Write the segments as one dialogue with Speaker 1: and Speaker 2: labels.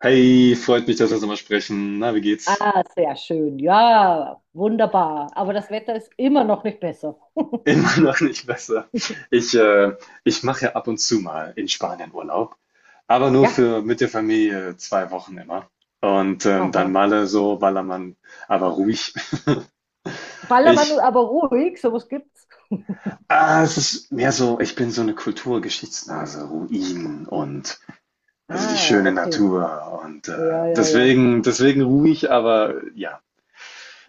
Speaker 1: Hey, freut mich, dass wir uns nochmal sprechen. Na, wie geht's?
Speaker 2: Ah, sehr schön. Ja, wunderbar. Aber das Wetter ist immer noch nicht besser.
Speaker 1: Immer noch nicht besser. Ich, äh, Ich mache ja ab und zu mal in Spanien Urlaub, aber nur
Speaker 2: Ja,
Speaker 1: für mit der Familie 2 Wochen immer. Und dann
Speaker 2: aha.
Speaker 1: Malle so, Ballermann, aber ruhig.
Speaker 2: Ballermann,
Speaker 1: Ich,
Speaker 2: aber ruhig, sowas gibt's.
Speaker 1: Es ist mehr so, ich bin so eine Kulturgeschichtsnase, Ruinen und also die
Speaker 2: Ah,
Speaker 1: schöne
Speaker 2: okay.
Speaker 1: Natur und
Speaker 2: Ja, ja, ja.
Speaker 1: deswegen, deswegen ruhig, aber ja.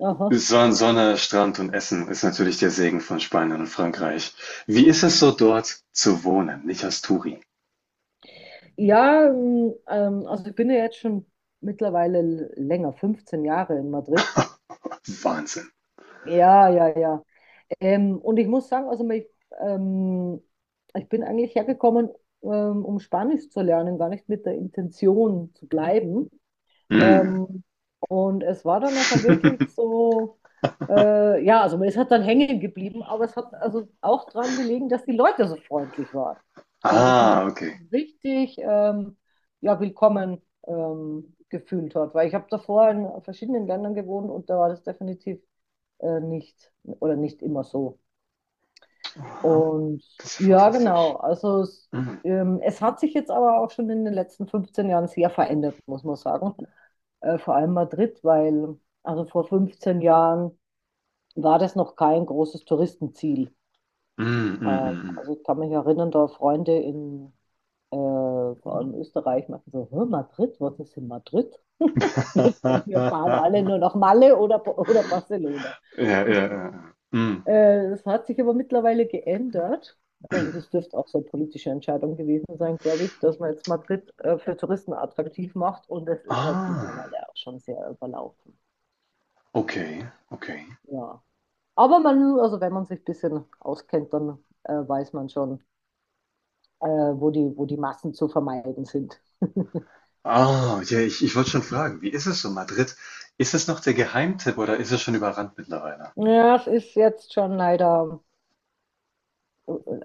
Speaker 2: Aha.
Speaker 1: Son Sonne, Strand und Essen ist natürlich der Segen von Spanien und Frankreich. Wie ist es so dort zu wohnen? Nicht als Touri?
Speaker 2: Ja, also ich bin ja jetzt schon mittlerweile länger, 15 Jahre in Madrid.
Speaker 1: Wahnsinn.
Speaker 2: Ja, ja, ja. Und ich muss sagen, ähm, ich bin eigentlich hergekommen, um Spanisch zu lernen, gar nicht mit der Intention zu bleiben.
Speaker 1: Mm.
Speaker 2: Ähm, und es war dann nachher wirklich so, ja, also es hat dann hängen geblieben, aber es hat also auch dran gelegen, dass die Leute so freundlich waren. Also, dass man
Speaker 1: Ah,
Speaker 2: sich
Speaker 1: okay.
Speaker 2: richtig ja, willkommen gefühlt hat. Weil ich habe davor in verschiedenen Ländern gewohnt und da war das definitiv nicht oder nicht immer so.
Speaker 1: Aha,
Speaker 2: Und
Speaker 1: das ist ja
Speaker 2: ja, genau.
Speaker 1: fantastisch.
Speaker 2: Also es,
Speaker 1: Mm.
Speaker 2: es hat sich jetzt aber auch schon in den letzten 15 Jahren sehr verändert, muss man sagen, vor allem Madrid, weil also vor 15 Jahren war das noch kein großes Touristenziel.
Speaker 1: Mm, mm,
Speaker 2: Äh,
Speaker 1: mm, mm.
Speaker 2: also ich kann mich erinnern, da Freunde in, vor allem Österreich, meinten so: "Hä, Madrid, was ist in Madrid?" Wir, wir fahren alle nur nach Malle oder Barcelona.
Speaker 1: Ja, ja, ja, ja. Mm.
Speaker 2: Das hat sich aber mittlerweile geändert. Also das dürfte auch so eine politische Entscheidung gewesen sein, glaube ich, dass man jetzt Madrid, für Touristen attraktiv macht, und es ist halt
Speaker 1: Ah,
Speaker 2: mittlerweile auch schon sehr überlaufen.
Speaker 1: okay, okay.
Speaker 2: Ja. Aber man, also wenn man sich ein bisschen auskennt, dann weiß man schon, wo die Massen zu vermeiden sind.
Speaker 1: Ah, ja, ich wollte schon fragen, wie ist es so, Madrid? Ist es noch der Geheimtipp oder ist es schon überrannt mittlerweile?
Speaker 2: Ja, es ist jetzt schon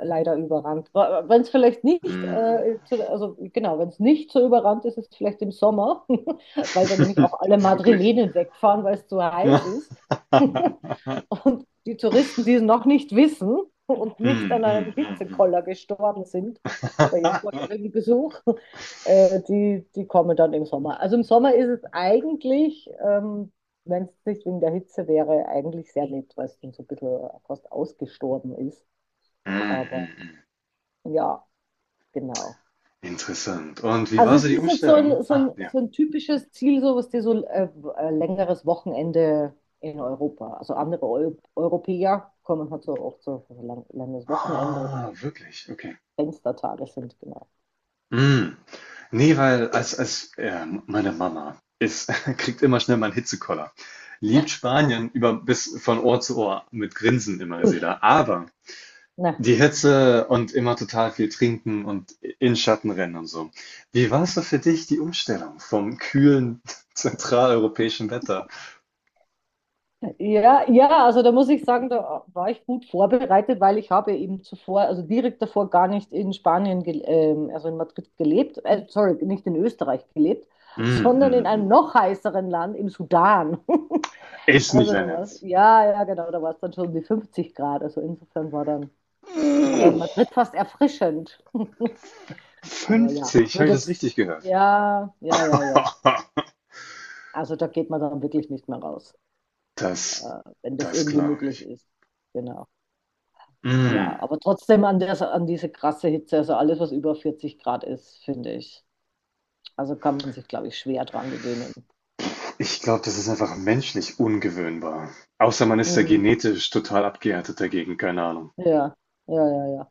Speaker 2: leider überrannt. Wenn es vielleicht nicht,
Speaker 1: Mm.
Speaker 2: also genau, wenn es nicht so überrannt ist, ist es vielleicht im Sommer, weil dann nämlich auch alle
Speaker 1: Wirklich.
Speaker 2: Madrilenen wegfahren, weil es zu heiß ist. Und die Touristen, die es noch nicht wissen und nicht
Speaker 1: Mhm,
Speaker 2: an einem
Speaker 1: mhm, mhm,
Speaker 2: Hitzekoller gestorben sind bei ihrem
Speaker 1: mhm.
Speaker 2: vorherigen Besuch, die kommen dann im Sommer. Also im Sommer ist es eigentlich, wenn es nicht wegen der Hitze wäre, eigentlich sehr nett, weil es dann so ein bisschen fast ausgestorben ist.
Speaker 1: Mhm,
Speaker 2: Aber
Speaker 1: mhm.
Speaker 2: ja, genau.
Speaker 1: Interessant. Und wie
Speaker 2: Also
Speaker 1: war
Speaker 2: es
Speaker 1: so die
Speaker 2: ist jetzt so
Speaker 1: Umstellung?
Speaker 2: ein,
Speaker 1: Ah, ja.
Speaker 2: so ein typisches Ziel, so was die so längeres Wochenende in Europa. Also andere Eu Europäer kommen halt so oft so für ein langes Wochenende oder
Speaker 1: Ah,
Speaker 2: wenn
Speaker 1: wirklich? Okay.
Speaker 2: Fenstertage sind, genau.
Speaker 1: Mhm. Nee, weil als meine Mama ist, kriegt immer schnell mal einen Hitzekoller. Liebt Spanien über bis von Ohr zu Ohr mit Grinsen immer,
Speaker 2: Ui,
Speaker 1: sie da. Aber
Speaker 2: na.
Speaker 1: die Hitze und immer total viel trinken und in Schatten rennen und so. Wie war es so für dich, die Umstellung vom kühlen zentraleuropäischen Wetter?
Speaker 2: Ja, ja, also da muss ich sagen, da war ich gut vorbereitet, weil ich habe eben zuvor, also direkt davor, gar nicht in also in Madrid gelebt, sorry, nicht in Österreich gelebt, sondern in einem
Speaker 1: Mhm.
Speaker 2: noch heißeren Land, im Sudan.
Speaker 1: Ist nicht
Speaker 2: Also
Speaker 1: dein
Speaker 2: da war's,
Speaker 1: Ernst.
Speaker 2: ja, ja, genau, da war es dann schon um die 50 Grad. Also insofern war dann Madrid fast erfrischend. Aber ja, ich
Speaker 1: 50, habe
Speaker 2: würde
Speaker 1: ich das
Speaker 2: jetzt,
Speaker 1: richtig gehört?
Speaker 2: ja, ja, ja, ja. Also da geht man dann wirklich nicht mehr raus, äh,
Speaker 1: Das,
Speaker 2: wenn das
Speaker 1: Das
Speaker 2: irgendwie
Speaker 1: glaube
Speaker 2: möglich
Speaker 1: ich.
Speaker 2: ist. Genau. Ja,
Speaker 1: Mm.
Speaker 2: aber trotzdem an diese krasse Hitze, also alles, was über 40 Grad ist, finde ich. Also kann man sich, glaube ich, schwer dran gewöhnen.
Speaker 1: Ich glaube, das ist einfach menschlich ungewöhnbar. Außer man ist ja
Speaker 2: Mhm.
Speaker 1: genetisch total abgehärtet dagegen, keine Ahnung.
Speaker 2: Ja, ja, ja, ja.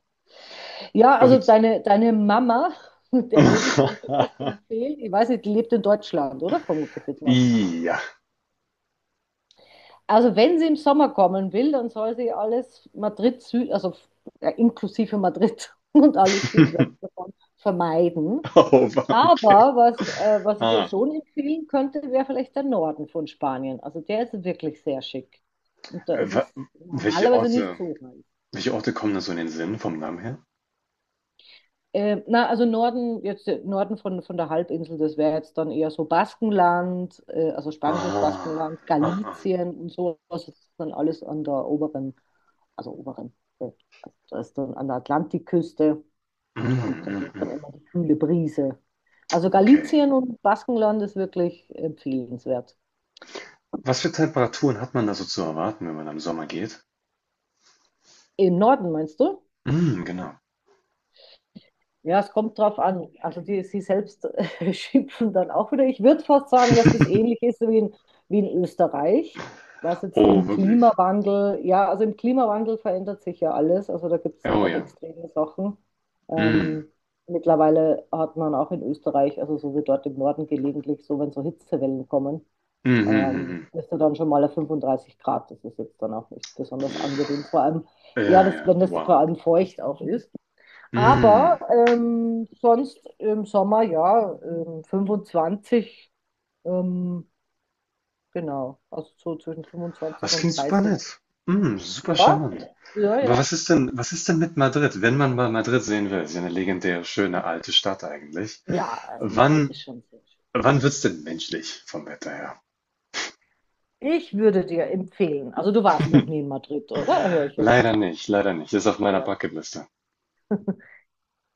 Speaker 2: Ja, also
Speaker 1: Und
Speaker 2: deine Mama, der würde ich dann vielleicht empfehlen, ich weiß nicht, die lebt in Deutschland, oder? Vermute ich jetzt mal.
Speaker 1: ja.
Speaker 2: Also wenn sie im Sommer kommen will, dann soll sie alles Madrid Süd, also ja, inklusive Madrid, und alles südwärts davon vermeiden.
Speaker 1: Oh, okay.
Speaker 2: Aber was, äh, Was ich ihr
Speaker 1: Ah,
Speaker 2: schon empfehlen könnte, wäre vielleicht der Norden von Spanien. Also der ist wirklich sehr schick. Und da
Speaker 1: äh,
Speaker 2: ist
Speaker 1: wa-
Speaker 2: es
Speaker 1: Welche
Speaker 2: normalerweise nicht
Speaker 1: Orte,
Speaker 2: so heiß.
Speaker 1: welche Orte kommen da so in den Sinn vom Namen her?
Speaker 2: Na, also Norden, jetzt, Norden von der Halbinsel, das wäre jetzt dann eher so Baskenland, also spanisches
Speaker 1: Ah,
Speaker 2: Baskenland,
Speaker 1: ah, ah.
Speaker 2: Galicien und so. Das ist dann alles an der also oberen, also das ist dann an der Atlantikküste,
Speaker 1: Mm,
Speaker 2: und da
Speaker 1: mm,
Speaker 2: geht
Speaker 1: mm.
Speaker 2: dann immer die kühle Brise. Also
Speaker 1: Okay.
Speaker 2: Galicien und Baskenland ist wirklich empfehlenswert.
Speaker 1: Was für Temperaturen hat man da so zu erwarten, wenn man da im Sommer geht?
Speaker 2: Im Norden, meinst du?
Speaker 1: Mhm, genau.
Speaker 2: Ja, es kommt drauf an. Also die, sie selbst schimpfen dann auch wieder. Ich würde fast sagen, dass das ähnlich ist wie wie in Österreich, was jetzt
Speaker 1: Oh,
Speaker 2: im
Speaker 1: wirklich.
Speaker 2: Klimawandel, ja, also im Klimawandel verändert sich ja alles. Also da gibt es
Speaker 1: Ja,
Speaker 2: dann
Speaker 1: oh
Speaker 2: auch
Speaker 1: ja.
Speaker 2: extreme Sachen.
Speaker 1: Mhm.
Speaker 2: Ähm, mittlerweile hat man auch in Österreich, also so wie dort im Norden gelegentlich, so wenn so Hitzewellen kommen,
Speaker 1: Mhm, mhm, mhm.
Speaker 2: bist du dann schon mal auf 35 Grad. Das ist jetzt dann auch nicht besonders angenehm. Vor allem,
Speaker 1: Ja, ja.
Speaker 2: wenn das vor
Speaker 1: Wow.
Speaker 2: allem feucht auch ist.
Speaker 1: Mhm.
Speaker 2: Aber sonst im Sommer, ja, 25, ähm, genau, also so zwischen 25
Speaker 1: Das klingt
Speaker 2: und
Speaker 1: super
Speaker 2: 30.
Speaker 1: nett. Mhm, super
Speaker 2: Ja,
Speaker 1: charmant.
Speaker 2: ja,
Speaker 1: Aber
Speaker 2: ja.
Speaker 1: was ist denn mit Madrid, wenn man mal Madrid sehen will? Ist ja eine legendäre, schöne alte Stadt eigentlich.
Speaker 2: Ja, also Madrid ist
Speaker 1: Wann,
Speaker 2: schon sehr schön.
Speaker 1: Wann wird's denn menschlich vom Wetter her?
Speaker 2: Ich würde dir empfehlen, also du warst noch nie in Madrid, oder? Höre ich
Speaker 1: Leider
Speaker 2: jetzt.
Speaker 1: nicht, leider nicht. Ist auf meiner
Speaker 2: Ja.
Speaker 1: Bucketliste.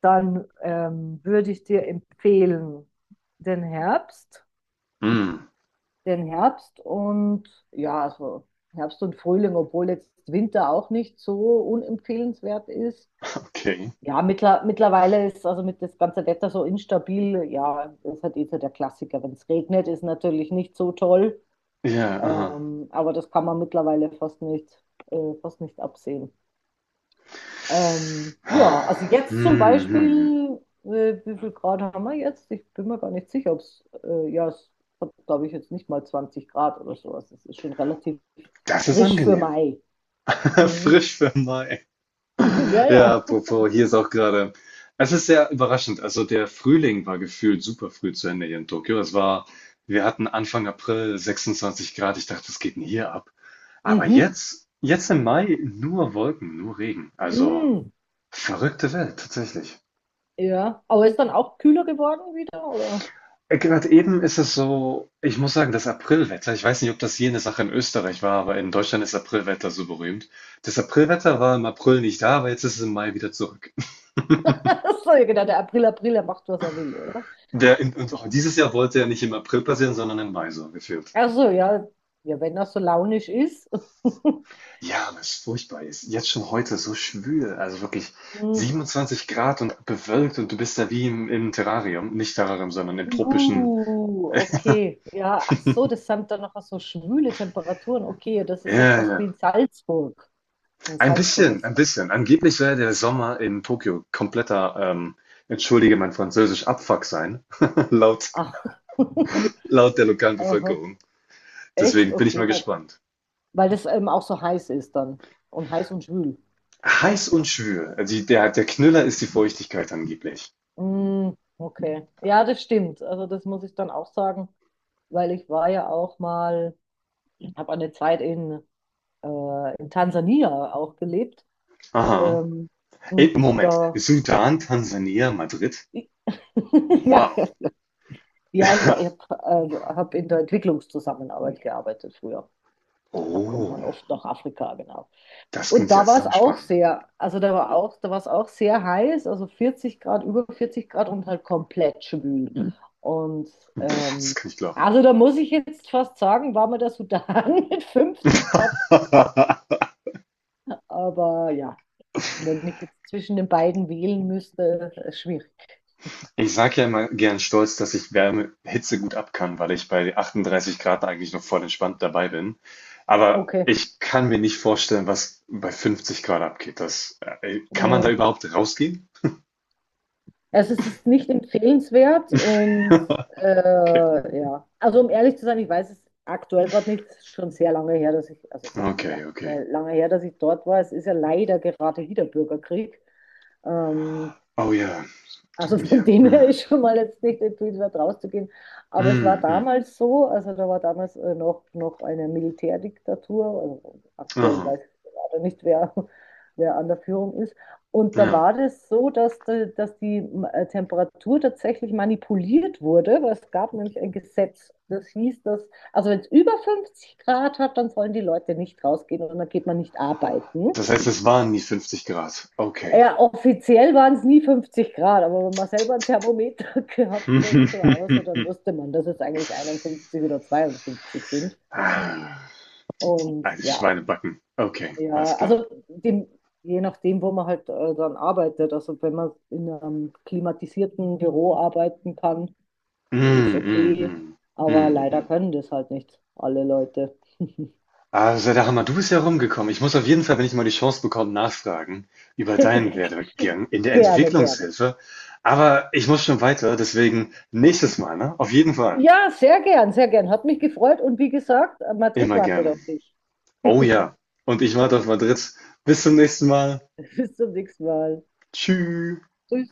Speaker 2: Dann würde ich dir empfehlen, den Herbst,
Speaker 1: Mhm.
Speaker 2: den Herbst und ja, also Herbst und Frühling, obwohl jetzt Winter auch nicht so unempfehlenswert ist.
Speaker 1: Okay.
Speaker 2: Ja, mittlerweile ist also mit das ganze Wetter so instabil. Ja, das ist halt eh so der Klassiker. Wenn es regnet, ist natürlich nicht so toll.
Speaker 1: Ja,
Speaker 2: Aber das kann man mittlerweile fast nicht absehen. Ja,
Speaker 1: aha.
Speaker 2: also jetzt zum
Speaker 1: Mhm, mhm.
Speaker 2: Beispiel, wie viel Grad haben wir jetzt? Ich bin mir gar nicht sicher, ob ja, es hat, glaube ich, jetzt nicht mal 20 Grad oder sowas. Es ist schon relativ
Speaker 1: Das ist
Speaker 2: frisch für
Speaker 1: angenehm.
Speaker 2: Mai. Mhm.
Speaker 1: Frisch für Mai.
Speaker 2: Ja,
Speaker 1: Ja,
Speaker 2: ja.
Speaker 1: apropos, hier ist auch gerade. Es ist sehr überraschend. Also der Frühling war gefühlt super früh zu Ende hier in Tokio. Es war, wir hatten Anfang April 26 Grad. Ich dachte, das geht denn hier ab? Aber
Speaker 2: Mhm.
Speaker 1: jetzt, jetzt im Mai nur Wolken, nur Regen. Also
Speaker 2: Mhm.
Speaker 1: verrückte Welt, tatsächlich.
Speaker 2: Ja, aber ist dann auch kühler geworden wieder, oder?
Speaker 1: Gerade eben ist es so, ich muss sagen, das Aprilwetter, ich weiß nicht, ob das hier eine Sache in Österreich war, aber in Deutschland ist Aprilwetter so berühmt. Das Aprilwetter war im April nicht da, aber jetzt ist es im Mai wieder zurück.
Speaker 2: Ach so, ja, genau, der April, April, er macht, was er will, oder?
Speaker 1: Der, in- und auch dieses Jahr wollte er nicht im April passieren, sondern im Mai so gefühlt.
Speaker 2: Achso, ja, ja, wenn er so launisch ist.
Speaker 1: Ja, was furchtbar ist. Jetzt schon heute so schwül, also wirklich
Speaker 2: Hm.
Speaker 1: 27 Grad und bewölkt und du bist da wie im Terrarium, nicht Terrarium, sondern im tropischen.
Speaker 2: Okay, ja, ach so, das sind dann noch so schwüle Temperaturen. Okay, ja, das ist ja
Speaker 1: Ja,
Speaker 2: fast
Speaker 1: ja.
Speaker 2: wie in Salzburg. In
Speaker 1: Ein
Speaker 2: Salzburg ist
Speaker 1: bisschen,
Speaker 2: es
Speaker 1: ein
Speaker 2: auch
Speaker 1: bisschen. Angeblich soll ja
Speaker 2: schwül.
Speaker 1: der Sommer in Tokio kompletter, entschuldige mein Französisch, Abfuck sein, laut,
Speaker 2: Ach,
Speaker 1: laut der lokalen
Speaker 2: aha,
Speaker 1: Bevölkerung.
Speaker 2: echt?
Speaker 1: Deswegen bin ich mal
Speaker 2: Okay,
Speaker 1: gespannt.
Speaker 2: weil das eben auch so heiß ist dann. Und heiß und schwül.
Speaker 1: Heiß und schwül. Also der Knüller ist die Feuchtigkeit angeblich.
Speaker 2: Mm, okay, ja, das stimmt. Also das muss ich dann auch sagen, weil ich war ja auch mal, habe eine Zeit in Tansania auch gelebt.
Speaker 1: Aha.
Speaker 2: Ähm,
Speaker 1: Ey,
Speaker 2: und
Speaker 1: Moment.
Speaker 2: da,
Speaker 1: Sudan, Tansania, Madrid? Wow.
Speaker 2: ja, ich habe, hab in der Entwicklungszusammenarbeit gearbeitet früher. Da kommt
Speaker 1: Oh,
Speaker 2: man oft nach Afrika, genau.
Speaker 1: das
Speaker 2: Und
Speaker 1: klingt ja
Speaker 2: da war es
Speaker 1: sau
Speaker 2: auch
Speaker 1: spannend.
Speaker 2: sehr, Also da war auch, da war es auch sehr heiß, also 40 Grad, über 40 Grad und halt komplett schwül. Mhm. Und
Speaker 1: Pff, das
Speaker 2: ähm,
Speaker 1: kann ich glauben.
Speaker 2: also da muss ich jetzt fast sagen, war mir der Sudan mit 50 Grad, aber ja. Wenn ich jetzt zwischen den beiden wählen müsste, schwierig.
Speaker 1: Ich sage ja immer gern stolz, dass ich Wärme, Hitze gut ab kann, weil ich bei 38 Grad eigentlich noch voll entspannt dabei bin. Aber
Speaker 2: Okay.
Speaker 1: ich kann mir nicht vorstellen, was bei 50 Grad abgeht. Kann man da
Speaker 2: Mm.
Speaker 1: überhaupt rausgehen?
Speaker 2: Also es ist nicht empfehlenswert, und
Speaker 1: Okay.
Speaker 2: ja. Also um ehrlich zu sein, ich weiß es aktuell gerade nicht. Es ist schon sehr lange her, also sehr,
Speaker 1: Okay, okay.
Speaker 2: lange her, dass ich dort war. Es ist ja leider gerade wieder Bürgerkrieg. Ähm,
Speaker 1: Oh ja, tut
Speaker 2: Also von
Speaker 1: mir.
Speaker 2: dem her
Speaker 1: Mm,
Speaker 2: ist schon mal jetzt nicht empfehlenswert rauszugehen. Aber es war
Speaker 1: mm, mm.
Speaker 2: damals so, also da war damals, noch eine Militärdiktatur. Also aktuell
Speaker 1: Oh,
Speaker 2: weiß ich leider nicht, wer, wer an der Führung ist. Und da
Speaker 1: ja.
Speaker 2: war das so, dass die, Temperatur tatsächlich manipuliert wurde, weil es gab nämlich ein Gesetz, das hieß, dass, also wenn es über 50 Grad hat, dann sollen die Leute nicht rausgehen und dann geht man nicht arbeiten.
Speaker 1: Das heißt, es waren nie 50 Grad. Okay.
Speaker 2: Ja, offiziell waren es nie 50 Grad, aber wenn man selber ein Thermometer gehabt hat zu Hause, dann wusste man, dass es eigentlich 51 oder 52 sind.
Speaker 1: Ah,
Speaker 2: Und
Speaker 1: also
Speaker 2: ja,
Speaker 1: Schweinebacken. Okay,
Speaker 2: ja,
Speaker 1: alles klar.
Speaker 2: also dem, je nachdem, wo man halt dann arbeitet. Also wenn man in einem klimatisierten Büro arbeiten kann, ist
Speaker 1: Mm, mm,
Speaker 2: okay.
Speaker 1: mm,
Speaker 2: Aber
Speaker 1: mm,
Speaker 2: leider
Speaker 1: mm.
Speaker 2: können das halt nicht alle Leute.
Speaker 1: Also, da Hammer, du bist ja rumgekommen. Ich muss auf jeden Fall, wenn ich mal die Chance bekomme, nachfragen über deinen Werdegang in der
Speaker 2: Gerne, gerne.
Speaker 1: Entwicklungshilfe. Aber ich muss schon weiter, deswegen nächstes Mal, ne? Auf jeden Fall.
Speaker 2: Ja, sehr gern, sehr gern. Hat mich gefreut und wie gesagt, Madrid
Speaker 1: Immer
Speaker 2: wartet
Speaker 1: gerne.
Speaker 2: auf dich.
Speaker 1: Oh ja. Und ich warte auf Madrid. Bis zum nächsten Mal.
Speaker 2: Bis zum nächsten Mal.
Speaker 1: Tschüss.
Speaker 2: Tschüss.